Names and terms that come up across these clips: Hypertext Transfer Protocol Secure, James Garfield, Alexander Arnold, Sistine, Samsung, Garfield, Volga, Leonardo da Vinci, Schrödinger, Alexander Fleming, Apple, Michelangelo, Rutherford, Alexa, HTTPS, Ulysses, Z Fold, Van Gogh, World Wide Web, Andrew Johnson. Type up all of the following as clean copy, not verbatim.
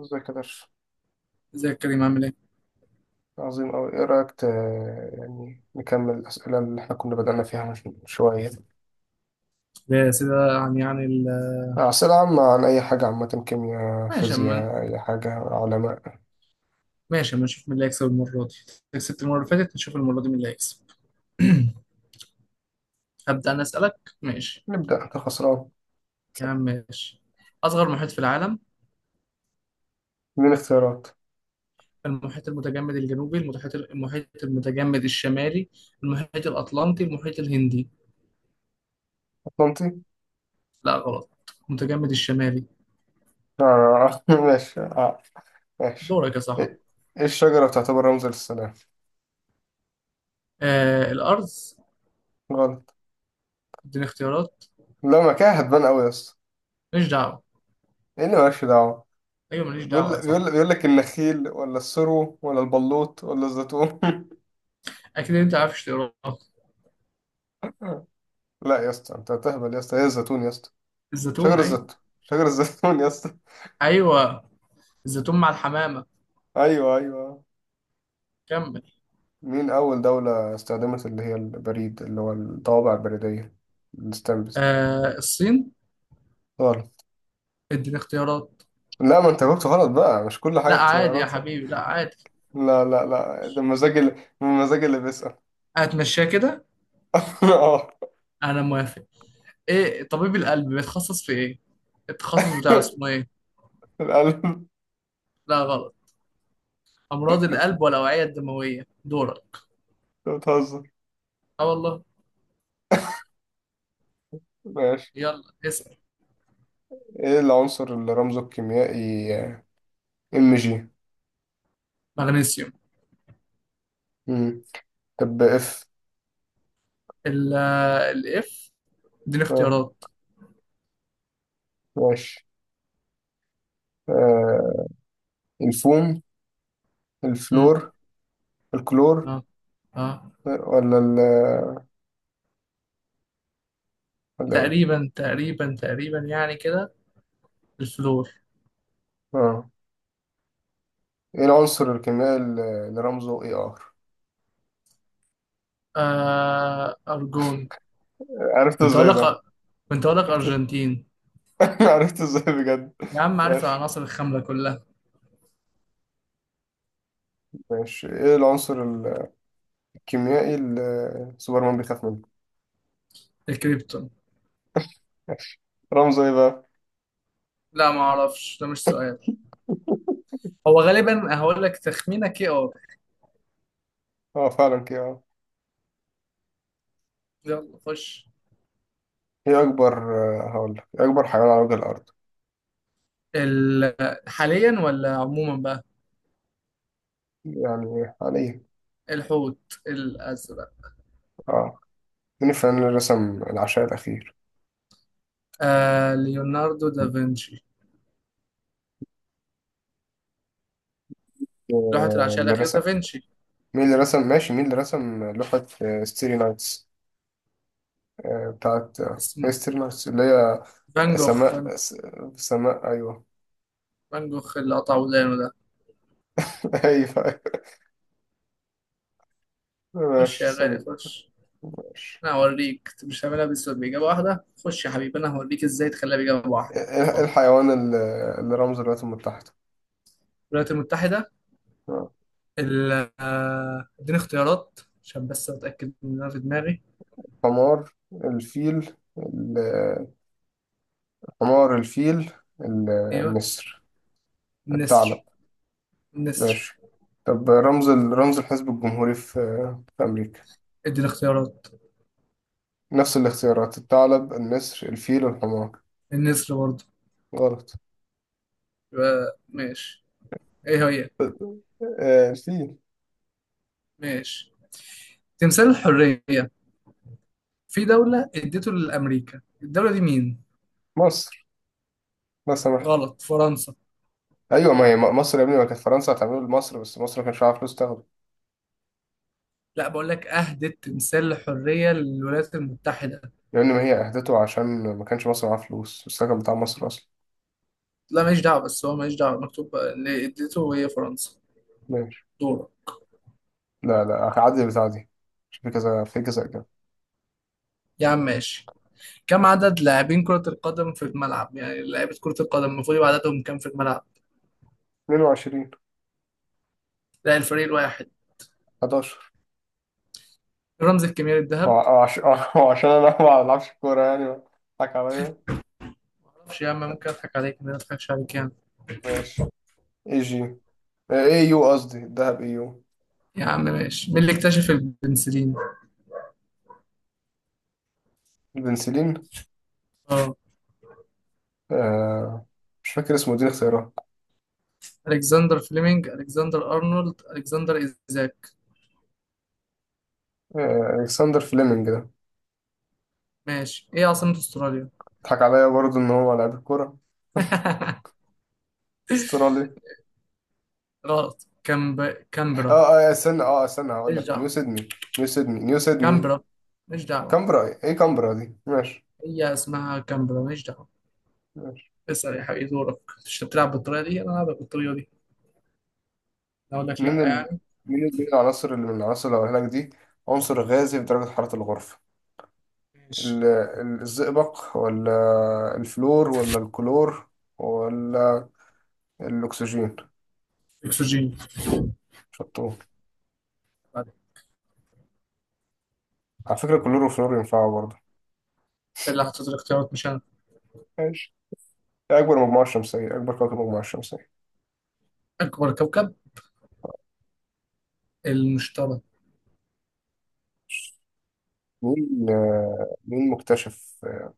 ازيك يا درش. ازيك يا كريم، عامل ايه؟ عظيم أوي. إيه رأيك يعني نكمل الأسئلة اللي إحنا كنا بدأنا فيها من شوية. يا سيدي. عن يعني أسئلة عامة عن أي حاجة، عامة، كيمياء، ماشي. اما فيزياء، أي حاجة، علماء. ماشي اما نشوف مين اللي هيكسب المرة دي. كسبت المرة اللي فاتت، نشوف المرة دي مين اللي هيكسب. هبدأ أنا أسألك. ماشي. نبدأ. أنت خسران. يا عم ماشي. أصغر محيط في العالم: من اختيارات. المحيط المتجمد الجنوبي، المحيط المتجمد الشمالي، المحيط الأطلنطي، المحيط الهندي. أطلنطي. لا غلط، المتجمد الشمالي. آه. ماشي. آه. ماشي. دورك يا صاحبي. إيه، إيه الشجرة بتعتبر رمز للسلام؟ آه الأرض. غلط. اديني اختيارات. لا، ما كده هتبان أوي يا اسطى. ماليش دعوة. إيه اللي مالكش دعوة؟ أيوة ماليش دعوة يا بيقول صاحبي. بيقول بيقول لك النخيل ولا السرو ولا البلوط ولا الزيتون؟ أكيد أنت عارف اختيارات. لا يا اسطى، أنت هتهبل يا اسطى. إيه الزيتون يا اسطى. شجر الزيتون الزيتون. أيوة. شجر الزيتون يا اسطى. أيوة الزيتون مع الحمامة. ايوه، ايوه. كمل. مين اول دولة استخدمت اللي هي البريد، اللي هو الطوابع البريدية، الستامبس دي؟ آه الصين. غلط. اديني اختيارات. لا، ما انت جاوبت غلط بقى، مش كل لا حاجة عادي يا اختيارات يعني. حبيبي، لا عادي. لا لا لا، ده مزاج اللي، مزاج اللي بيسأل. هتمشيها كده؟ اه. انا موافق. ايه طبيب القلب بيتخصص في ايه؟ التخصص بتاعه اسمه ايه؟ القلب. لا غلط، امراض القلب والاوعية الدموية. دورك. انت بتهزر. اه والله. ماشي. يلا اسأل. ايه العنصر اللي رمزه الكيميائي ام جي؟ مغنيسيوم. مم. طب اف. ال الاف. اديني اه. اختيارات. ماشي. آه. الفوم. مم. الفلور. الكلور. اه اه. آه، ولا ولا ايه؟ تقريبا تقريبا تقريبا يعني كده. الفلور. اه. ايه العنصر الكيميائي اللي رمزه اي ار؟ آه ارجون. عرفته كنت اقول ازاي لك ده؟ كنت اقول لك عرفته. ارجنتين. عرفته ازاي بجد؟ يا عم عارف ماشي. العناصر الخاملة كلها. ماشي، ايه العنصر الكيميائي اللي سوبرمان بيخاف منه؟ الكريبتون. رمزه ايه بقى؟ لا ما اعرفش، ده مش سؤال. هو غالبا هقول لك تخمينه كي ار. اه، فعلا كده، اه. يلا خش. ايه اكبر، هقول لك، إيه اكبر حيوان على وجه الارض؟ ال... حاليا ولا عموما بقى؟ يعني حاليا. الحوت الازرق. اه. مين الفنان اللي رسم العشاء الاخير؟ آه ليوناردو دافنشي. لوحة العشاء اللي الاخير رسم. دافنشي. مين اللي رسم، ماشي، مين اللي رسم لوحة ستيري نايتس، بتاعت اسمه هيستري نايتس اللي هي فان جوخ فان سماء جوخ سماء، أيوه. فان جوخ اللي قطع ودانه ده. أيوه. خش ماشي، يا غالي سماء. خش. ماشي. انا هوريك، انت مش هعملها بس باجابه واحده. خش يا حبيبي، انا هوريك ازاي تخليها باجابه إيه، واحده. إيه اتفضل. الحيوان اللي رمز الولايات المتحدة؟ الولايات المتحده. آه. ال- اديني اختيارات عشان بس اتاكد ان انا في دماغي. حمار، الفيل، حمار الفيل، ال- ايوه. النسر، الثعلب. النسر. النسر. ماشي. طب رمز رمز الحزب الجمهوري في في أمريكا. اديني اختيارات. نفس الاختيارات: الثعلب، النسر، الفيل، الحمار. النسر برضه. غلط. يبقى ماشي. ايه هي. الفيل. ماشي. تمثال الحريه في دوله اديته لامريكا، الدوله دي مين؟ مصر. لا سمح. غلط، فرنسا. أيوة، ما هي مصر يا ابني، ما كانت فرنسا هتعمله لمصر، بس مصر ما كانش عارف فلوس تاخده. لا بقول لك، اهدت تمثال الحريه للولايات المتحده. لأن ما هي أهدته عشان ما كانش مصر معاه فلوس، السكن بتاع مصر أصلا. لا ماليش دعوه، بس هو ماليش دعوه، مكتوب اللي اديته هي فرنسا. ماشي. دورة. لا لا، هعدي البتاع دي عشان في كذا، في كذا كده. يا عم ماشي. كم عدد لاعبين كرة القدم في الملعب؟ يعني لعيبة كرة القدم المفروض يبقى عددهم كام في الملعب؟ 22. لا الفريق الواحد. 11. الرمز الكيميائي هو الذهب. هو عش- هو عشان أنا ما بلعبش كورة يعني، بضحك عليا. معرفش يا عم، ممكن اضحك عليك؟ أنا ما اضحكش عليك يعني. ماشي. اي جي. اي يو، قصدي الذهب اي يو. يا عم ماشي. مين اللي اكتشف البنسلين؟ البنسلين. اه. آه، مش فاكر اسمه، دي اختيارات. الكسندر فليمنج، الكسندر ارنولد، الكسندر ايزاك. آه، الكسندر فليمنج ده. ماشي. ايه عاصمة استراليا؟ ضحك عليا برضه ان هو لعيب الكوره. استرالي. غلط. اه. كامبرا. اه استنى، اه استنى، هقول مش لك نيو دعوة. سيدني. نيو سيدني. نيو سيدني. كامبرا. مش دعوة. كامبرا؟ ايه، إيه كامبرا دي؟ ماشي. هي اسمها كامبرا. مش دعوة. ماشي. اسأل يا حبيبي، دورك. مش بتلعب بالطريقة دي، انا هلعبك بالطريقة دي. أنا اقول لك لا مين يعني. مين مين العناصر، اللي من العناصر اللي هقولها لك دي عنصر غازي في درجة حرارة الغرفة؟ ماشي. الزئبق ولا الفلور ولا الكلور، ولا الأكسجين؟ اكسجين. شطور. بعد- على فكرة الكلور والفلور ينفعوا برضه. انت اللي حطيت الاختيارات مش انا. ماشي. إيه أكبر مجموعة شمسية، أكبر كوكب مجموعة شمسية؟ اكبر كوكب، المشتري. مين، مين مكتشف،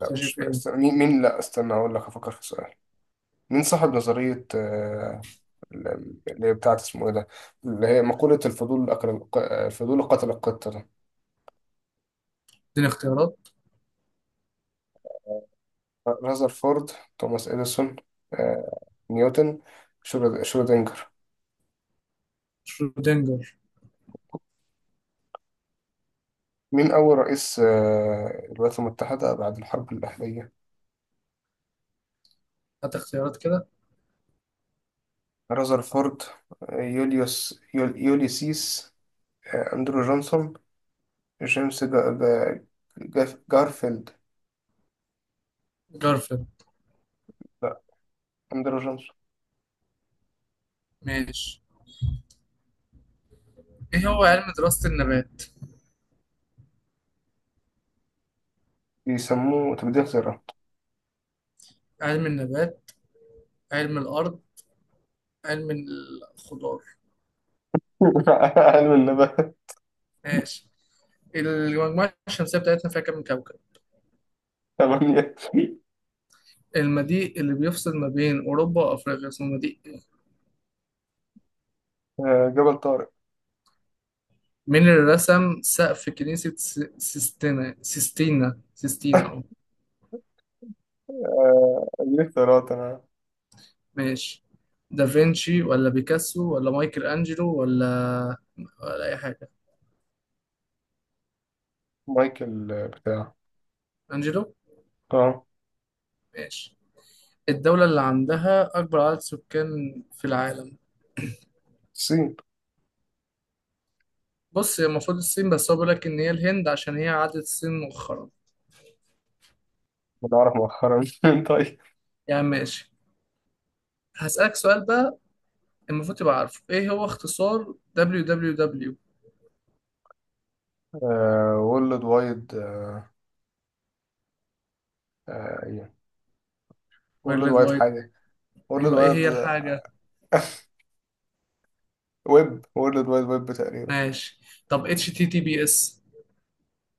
لا مش، ايه؟ استنى. مين لا استنى، هقول لك، أفكر في سؤال. مين صاحب نظرية اللي هي بتاعت اسمه ايه ده، اللي هي مقولة الفضول أكل، الفضول قتل القطة ده؟ اديني اختيارات. رذرفورد، توماس إديسون، آه، نيوتن، شرودنجر. شرودنجر. مين أول رئيس الولايات المتحدة بعد الحرب الأهلية؟ هات اختيارات كده. رذرفورد، يوليوس يوليسيس، أندرو جونسون، جيمس جارفيلد. جارفيلد. لا، أندرو جونسون. ماشي. ايه هو علم دراسة النبات؟ بيسموه تبديل ذرة. علم النبات، علم الارض، علم الخضار. علم النبات. ماشي. المجموعة الشمسية بتاعتنا فيها كام كوكب؟ ثمانية. المضيق اللي بيفصل ما بين أوروبا وأفريقيا اسمه مضيق إيه؟ جبل طارق. مين اللي رسم سقف كنيسة سيستينا سيستينا سيستينا؟ دي اختيارات أنا. ماشي. دافنشي ولا بيكاسو ولا مايكل أنجلو ولا ولا أي حاجة؟ مايكل بتاع. أنجلو. اه. ماشي. الدولة اللي عندها أكبر عدد سكان في العالم. الصين. بص هي المفروض الصين، بس هو بيقول لك إن هي الهند عشان هي عدت الصين مؤخرا. أنا أعرف مؤخرا. طيب. يعني ماشي. هسألك سؤال بقى. المفروض تبقى عارفه إيه هو اختصار www؟ وورلد وايد إيه، وورلد World وايد Wide. حاجة. وورلد أيوه، إيه وايد هي الحاجة. ويب. وورلد وايد ويب تقريبا. ماشي. طب HTTPS؟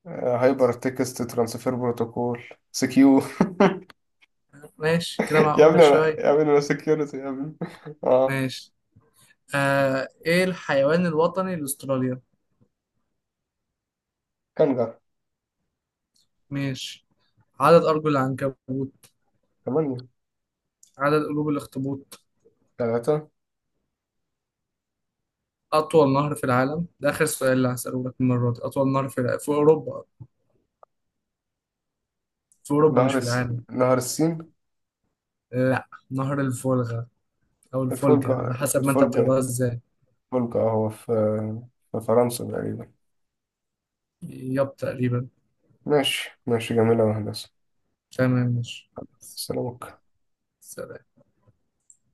هايبر تكست ترانسفير بروتوكول سكيور. ماشي كده، يا معقولة ابني أنا، شوية. يا ابني أنا سكيورتي يا ابني. اه. ماشي. آه إيه الحيوان الوطني لأستراليا؟ كانجر. ماشي. عدد أرجل العنكبوت. ثمانية. عدد قلوب الأخطبوط. ثلاثة. أطول نهر في العالم، ده آخر سؤال اللي هسأله لك المرة دي. أطول نهر في في أوروبا. في أوروبا نهر مش في العالم. نهر السين. لا نهر الفولغا، أو الفولجا على الفولجر، حسب ما أنت الفولجر. بتقراها إزاي. فولكا، هو في في فرنسا تقريبا. ياب تقريبا. ماشي، ماشي، جميلة يا هندسة. تمام ماشي. سلامك. سلام.